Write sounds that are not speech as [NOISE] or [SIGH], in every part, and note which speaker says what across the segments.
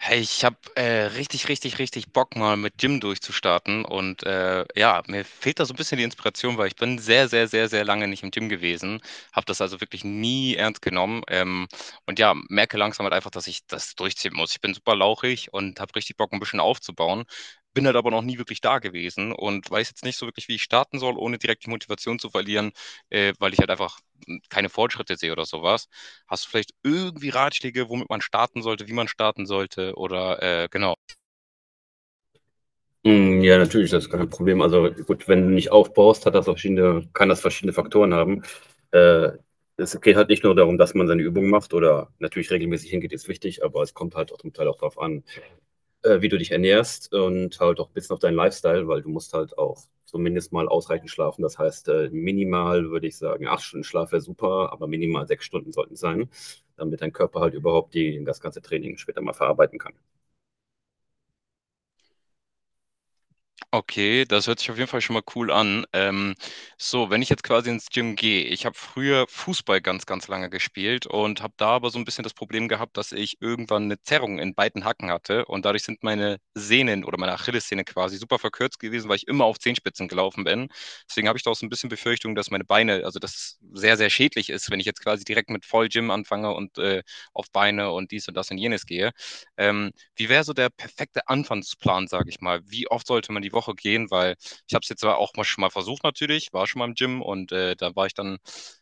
Speaker 1: Hey, ich habe richtig, richtig, richtig Bock, mal mit Gym durchzustarten. Und ja, mir fehlt da so ein bisschen die Inspiration, weil ich bin sehr, sehr, sehr, sehr lange nicht im Gym gewesen. Habe das also wirklich nie ernst genommen. Und ja, merke langsam halt einfach, dass ich das durchziehen muss. Ich bin super lauchig und habe richtig Bock, ein bisschen aufzubauen. Bin halt aber noch nie wirklich da gewesen und weiß jetzt nicht so wirklich, wie ich starten soll, ohne direkt die Motivation zu verlieren, weil ich halt einfach keine Fortschritte sehe oder sowas. Hast du vielleicht irgendwie Ratschläge, womit man starten sollte, wie man starten sollte? Oder genau.
Speaker 2: Hm, ja, natürlich, das ist kein Problem. Also, gut, wenn du nicht aufbaust, hat das verschiedene kann das verschiedene Faktoren haben. Äh, Es geht halt nicht nur darum, dass man seine Übungen macht oder natürlich regelmäßig hingeht, ist wichtig, aber es kommt halt auch zum Teil auch drauf an, wie du dich ernährst und halt auch 'n bisschen auf deinen Lifestyle, weil du musst halt auch zumindest mal ausreichend schlafen. Das heißt, minimal würde ich sagen, 8 Stunden Schlaf wäre super, aber minimal 6 Stunden sollten es sein, damit dein Körper halt überhaupt die das ganze Training später mal verarbeiten kann.
Speaker 1: Okay, das hört sich auf jeden Fall schon mal cool an. So, wenn ich jetzt quasi ins Gym gehe, ich habe früher Fußball ganz, ganz lange gespielt und habe da aber so ein bisschen das Problem gehabt, dass ich irgendwann eine Zerrung in beiden Hacken hatte und dadurch sind meine Sehnen oder meine Achillessehne quasi super verkürzt gewesen, weil ich immer auf Zehenspitzen gelaufen bin. Deswegen habe ich da auch so ein bisschen Befürchtung, dass meine Beine, also dass es sehr, sehr schädlich ist, wenn ich jetzt quasi direkt mit Vollgym anfange und auf Beine und dies und das und jenes gehe. Ähm, Wie wäre so der perfekte Anfangsplan, sage ich mal? Wie oft sollte man die Woche gehen? Weil ich habe es jetzt zwar auch mal schon mal versucht natürlich, war schon mal im Gym und da war ich dann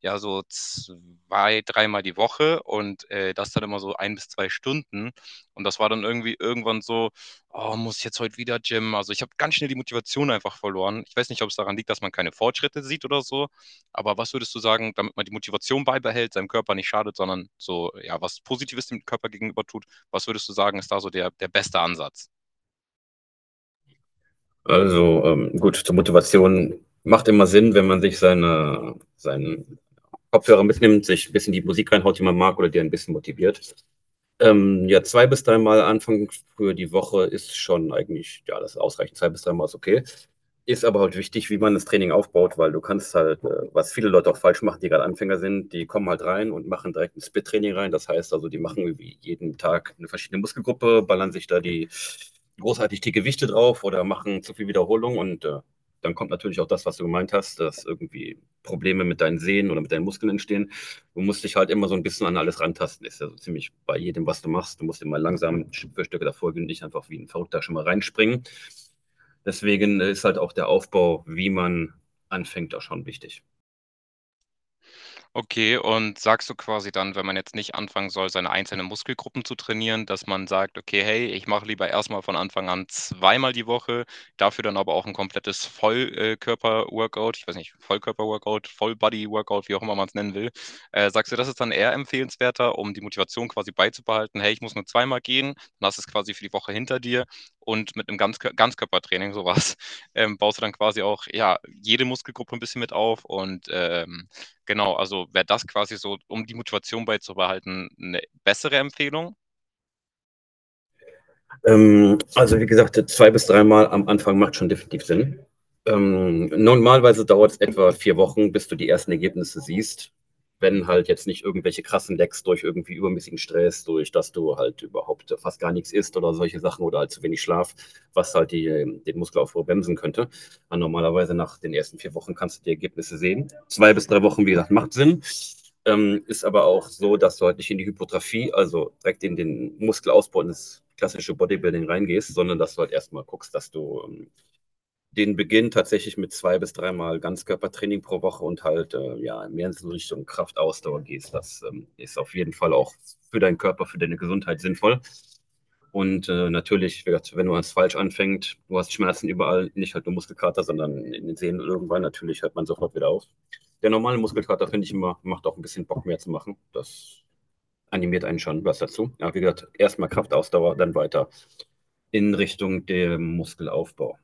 Speaker 1: ja so zwei, dreimal die Woche und das dann immer so ein bis zwei Stunden. Und das war dann irgendwie irgendwann so, oh, muss ich jetzt heute wieder Gym? Also ich habe ganz schnell die Motivation einfach verloren. Ich weiß nicht, ob es daran liegt, dass man keine Fortschritte sieht oder so. Aber was würdest du sagen, damit man die Motivation beibehält, seinem Körper nicht schadet, sondern so, ja, was Positives dem Körper gegenüber tut? Was würdest du sagen, ist da so der beste Ansatz?
Speaker 2: Also, gut, zur Motivation macht immer Sinn, wenn man sich seinen Kopfhörer mitnimmt, sich ein bisschen die Musik reinhaut, die man mag oder die ein bisschen motiviert. Ja, zwei bis dreimal Anfang für die Woche ist schon eigentlich, ja, das ist ausreichend. Zwei bis dreimal ist okay. Ist aber halt wichtig, wie man das Training aufbaut, weil du kannst halt, was viele Leute auch falsch machen, die gerade Anfänger sind, die kommen halt rein und machen direkt ein Split-Training rein. Das heißt also, die machen irgendwie jeden Tag eine verschiedene Muskelgruppe, ballern sich da die großartig die Gewichte drauf oder machen zu viel Wiederholung und dann kommt natürlich auch das, was du gemeint hast, dass irgendwie Probleme mit deinen Sehnen oder mit deinen Muskeln entstehen. Du musst dich halt immer so ein bisschen an alles rantasten. Ist ja so ziemlich bei jedem, was du machst. Du musst immer langsam Stück für Stück davor gehen, nicht einfach wie ein Verrückter schon mal reinspringen. Deswegen ist halt auch der Aufbau, wie man anfängt, auch schon wichtig.
Speaker 1: Okay, und sagst du quasi dann, wenn man jetzt nicht anfangen soll, seine einzelnen Muskelgruppen zu trainieren, dass man sagt, okay, hey, ich mache lieber erstmal von Anfang an zweimal die Woche, dafür dann aber auch ein komplettes Vollkörper-Workout, ich weiß nicht, Vollkörper-Workout, Vollbody-Workout, wie auch immer man es nennen will. Sagst du, das ist dann eher empfehlenswerter, um die Motivation quasi beizubehalten, hey, ich muss nur zweimal gehen, dann hast du es quasi für die Woche hinter dir und mit einem Ganzkörpertraining, sowas, [LAUGHS] baust du dann quasi auch, ja, jede Muskelgruppe ein bisschen mit auf und genau, also wäre das quasi so, um die Motivation beizubehalten, eine bessere Empfehlung.
Speaker 2: Also wie gesagt, zwei bis dreimal am Anfang macht schon definitiv Sinn. Normalerweise dauert es etwa 4 Wochen, bis du die ersten Ergebnisse siehst, wenn halt jetzt nicht irgendwelche krassen Lecks durch irgendwie übermäßigen Stress, durch dass du halt überhaupt fast gar nichts isst oder solche Sachen oder halt zu wenig Schlaf, was halt den Muskelaufbau bremsen könnte. Aber normalerweise nach den ersten 4 Wochen kannst du die Ergebnisse sehen. Zwei bis drei Wochen, wie gesagt, macht Sinn. Ist aber auch so, dass du halt nicht in die Hypertrophie also direkt in den Muskelausbau ins klassische Bodybuilding reingehst, sondern dass du halt erstmal guckst, dass du den Beginn tatsächlich mit zwei bis dreimal Ganzkörpertraining pro Woche und halt ja mehr in so Richtung Kraftausdauer gehst. Das ist auf jeden Fall auch für deinen Körper, für deine Gesundheit sinnvoll. Und natürlich, wie gesagt, wenn du als falsch anfängst, du hast Schmerzen überall, nicht halt nur Muskelkater, sondern in den Sehnen irgendwann, natürlich hört man sofort wieder auf. Der normale Muskelkater, finde ich immer, macht auch ein bisschen Bock mehr zu machen. Das animiert einen schon was dazu. Ja, wie gesagt, erstmal Kraftausdauer, dann weiter in Richtung dem Muskelaufbau.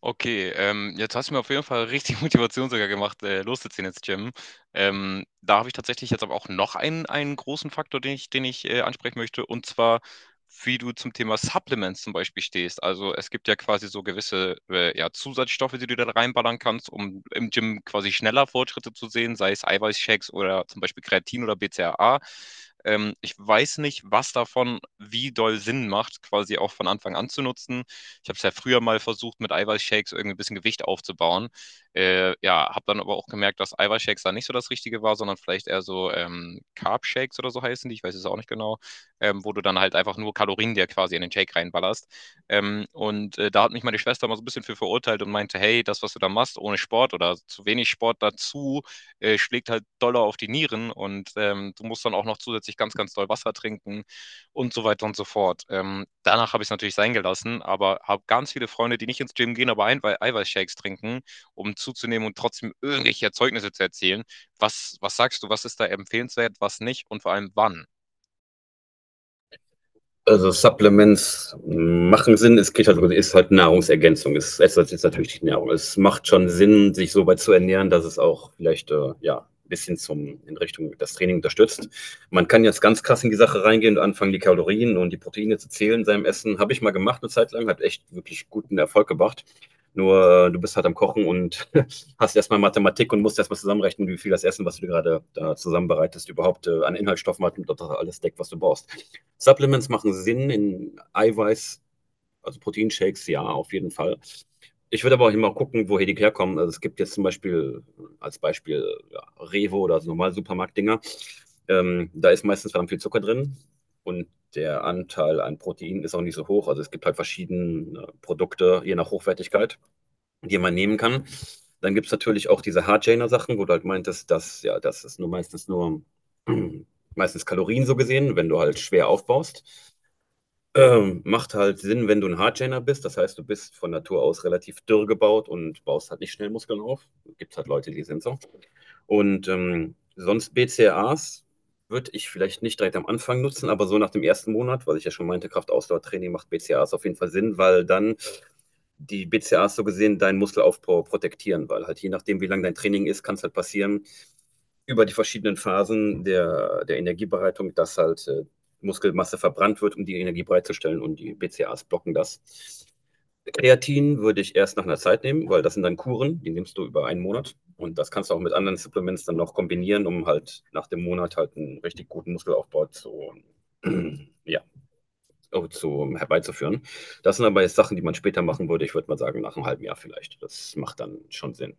Speaker 1: Okay, jetzt hast du mir auf jeden Fall richtig [LAUGHS] Motivation sogar gemacht, loszuziehen ins Gym. Da habe ich tatsächlich jetzt aber auch noch einen großen Faktor, den ich ansprechen möchte, und zwar, wie du zum Thema Supplements zum Beispiel stehst. Also es gibt ja quasi so gewisse ja, Zusatzstoffe, die du da reinballern kannst, um im Gym quasi schneller Fortschritte zu sehen, sei es Eiweißshakes oder zum Beispiel Kreatin oder BCAA. Ich weiß nicht, was davon wie doll Sinn macht, quasi auch von Anfang an zu nutzen. Ich habe es ja früher mal versucht, mit Eiweißshakes irgendwie ein bisschen Gewicht aufzubauen. Ja, habe dann aber auch gemerkt, dass Eiweißshakes da nicht so das Richtige war, sondern vielleicht eher so Carb-Shakes oder so heißen die, ich weiß es auch nicht genau, wo du dann halt einfach nur Kalorien dir quasi in den Shake reinballerst. Da hat mich meine Schwester mal so ein bisschen für verurteilt und meinte, hey, das, was du da machst, ohne Sport oder zu wenig Sport dazu, schlägt halt doller auf die Nieren und du musst dann auch noch zusätzlich ganz, ganz doll Wasser trinken und so weiter und so fort. Danach habe ich es natürlich sein gelassen, aber habe ganz viele Freunde, die nicht ins Gym gehen, aber ein Eiweißshakes trinken, um zuzunehmen und trotzdem irgendwelche Erzeugnisse zu erzielen. Was sagst du, was ist da empfehlenswert, was nicht und vor allem wann?
Speaker 2: Also Supplements machen Sinn. Es geht halt, ist halt Nahrungsergänzung. Ist natürlich die Nahrung. Es macht schon Sinn, sich so weit zu ernähren, dass es auch vielleicht ja ein bisschen zum in Richtung das Training unterstützt. Man kann jetzt ganz krass in die Sache reingehen und anfangen, die Kalorien und die Proteine zu zählen in seinem Essen. Habe ich mal gemacht eine Zeit lang, hat echt wirklich guten Erfolg gebracht. Nur du bist halt am Kochen und [LAUGHS] hast erstmal Mathematik und musst erstmal zusammenrechnen, wie viel das Essen, was du dir gerade da zusammenbereitest, überhaupt an Inhaltsstoffen hat und ob das alles deckt, was du brauchst. Supplements machen Sinn in Eiweiß, also Proteinshakes, ja, auf jeden Fall. Ich würde aber auch immer gucken, woher die herkommen. Also es gibt jetzt zum Beispiel als Beispiel ja, Revo oder so normale Supermarktdinger. Da ist meistens verdammt viel Zucker drin und der Anteil an Protein ist auch nicht so hoch. Also es gibt halt verschiedene Produkte, je nach Hochwertigkeit, die man nehmen kann. Dann gibt es natürlich auch diese Hardgainer-Sachen, wo du halt meintest, dass ja, das ist nur meistens nur [CLEARS THROAT] meistens Kalorien so gesehen, wenn du halt schwer aufbaust. Macht halt Sinn, wenn du ein Hardgainer bist. Das heißt, du bist von Natur aus relativ dürr gebaut und baust halt nicht schnell Muskeln auf. Gibt's halt Leute, die sind so. Und, sonst BCAAs würde ich vielleicht nicht direkt am Anfang nutzen, aber so nach dem ersten Monat, was ich ja schon meinte, Kraftausdauertraining macht BCAAs auf jeden Fall Sinn, weil dann die BCAAs so gesehen deinen Muskelaufbau protektieren, weil halt je nachdem, wie lang dein Training ist, kann es halt passieren, über die verschiedenen Phasen der Energiebereitung, dass halt Muskelmasse verbrannt wird, um die Energie bereitzustellen und die BCAAs blocken das. Kreatin würde ich erst nach einer Zeit nehmen, weil das sind dann Kuren, die nimmst du über einen Monat und das kannst du auch mit anderen Supplements dann noch kombinieren, um halt nach dem Monat halt einen richtig guten Muskelaufbau zu, [CLEARS THROAT] [LAUGHS] ja, herbeizuführen. Das sind aber jetzt Sachen, die man später machen würde. Ich würde mal sagen, nach einem halben Jahr vielleicht. Das macht dann schon Sinn.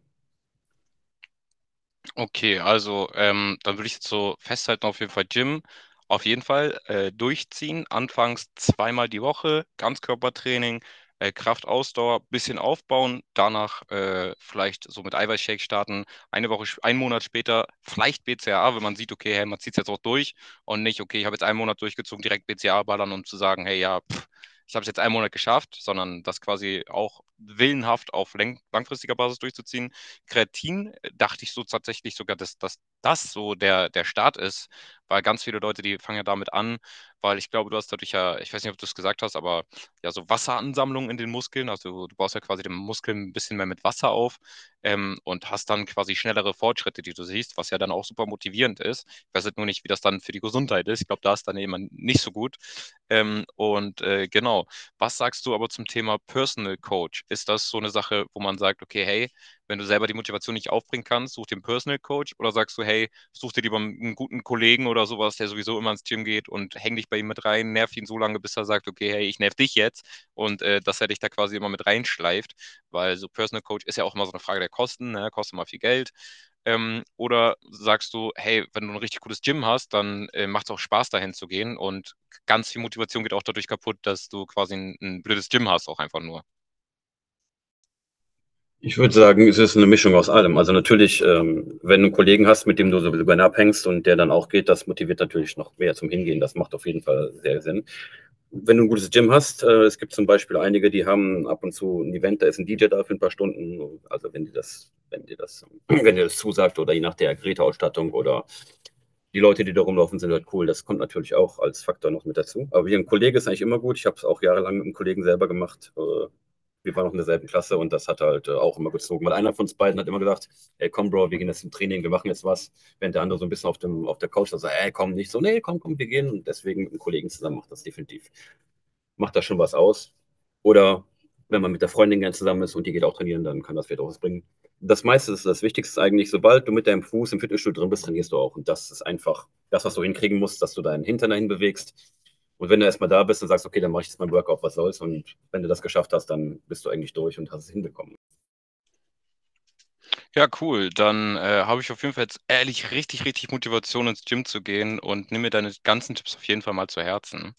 Speaker 1: Okay, also dann würde ich jetzt so festhalten, auf jeden Fall Gym, auf jeden Fall durchziehen, anfangs zweimal die Woche, Ganzkörpertraining, Kraft, Ausdauer, bisschen aufbauen, danach vielleicht so mit Eiweißshake starten, eine Woche, einen Monat später vielleicht BCAA, wenn man sieht, okay, hey, man zieht es jetzt auch durch und nicht, okay, ich habe jetzt einen Monat durchgezogen, direkt BCAA ballern, um zu sagen, hey, ja, pff, ich habe es jetzt einen Monat geschafft, sondern das quasi auch willenhaft auf langfristiger Basis durchzuziehen. Kreatin dachte ich so tatsächlich sogar, dass das so der Start ist, weil ganz viele Leute, die fangen ja damit an, weil ich glaube, du hast dadurch ja, ich weiß nicht, ob du es gesagt hast, aber ja, so Wasseransammlung in den Muskeln, also du baust ja quasi den Muskel ein bisschen mehr mit Wasser auf, und hast dann quasi schnellere Fortschritte, die du siehst, was ja dann auch super motivierend ist. Ich weiß jetzt nur nicht, wie das dann für die Gesundheit ist. Ich glaube, da ist dann eben nicht so gut. Genau, was sagst du aber zum Thema Personal Coach? Ist das so eine Sache, wo man sagt, okay, hey, wenn du selber die Motivation nicht aufbringen kannst, such dir einen Personal Coach oder sagst du, hey, such dir lieber einen guten Kollegen oder sowas, der sowieso immer ins Gym geht und häng dich bei ihm mit rein, nerv ihn so lange, bis er sagt, okay, hey, ich nerv dich jetzt und dass er dich da quasi immer mit reinschleift, weil so Personal Coach ist ja auch immer so eine Frage der Kosten, ne? Kostet mal viel Geld. Oder sagst du, hey, wenn du ein richtig gutes Gym hast, dann macht es auch Spaß, dahin zu gehen. Und ganz viel Motivation geht auch dadurch kaputt, dass du quasi ein blödes Gym hast, auch einfach nur.
Speaker 2: Ich würde sagen, es ist eine Mischung aus allem. Also natürlich, wenn du einen Kollegen hast, mit dem du so gerne abhängst und der dann auch geht, das motiviert natürlich noch mehr zum Hingehen. Das macht auf jeden Fall sehr Sinn. Wenn du ein gutes Gym hast, es gibt zum Beispiel einige, die haben ab und zu ein Event, da ist ein DJ da für ein paar Stunden. Also wenn dir das, wenn dir das, [CLEARS THROAT] wenn dir das zusagt oder je nach der Geräteausstattung oder die Leute, die da rumlaufen, sind halt cool. Das kommt natürlich auch als Faktor noch mit dazu. Aber wie ein Kollege ist eigentlich immer gut. Ich habe es auch jahrelang mit einem Kollegen selber gemacht. Wir waren noch in derselben Klasse und das hat halt auch immer gezogen. Weil einer von uns beiden hat immer gesagt, ey, komm, Bro, wir gehen jetzt zum Training, wir machen jetzt was. Während der andere so ein bisschen auf der Couch sagt, ey, komm, nicht so, nee, komm, komm, wir gehen. Und deswegen mit einem Kollegen zusammen macht das schon was aus. Oder wenn man mit der Freundin gern zusammen ist und die geht auch trainieren, dann kann das vielleicht auch was bringen. Das meiste ist das Wichtigste eigentlich, sobald du mit deinem Fuß im Fitnessstudio drin bist, trainierst du auch. Und das ist einfach das, was du hinkriegen musst, dass du deinen Hintern dahin bewegst. Und wenn du erstmal da bist und sagst, okay, dann mache ich jetzt mein Workout, was soll's. Und wenn du das geschafft hast, dann bist du eigentlich durch und hast es hinbekommen.
Speaker 1: Ja, cool. Dann habe ich auf jeden Fall jetzt ehrlich richtig, richtig Motivation ins Gym zu gehen und nimm mir deine ganzen Tipps auf jeden Fall mal zu Herzen.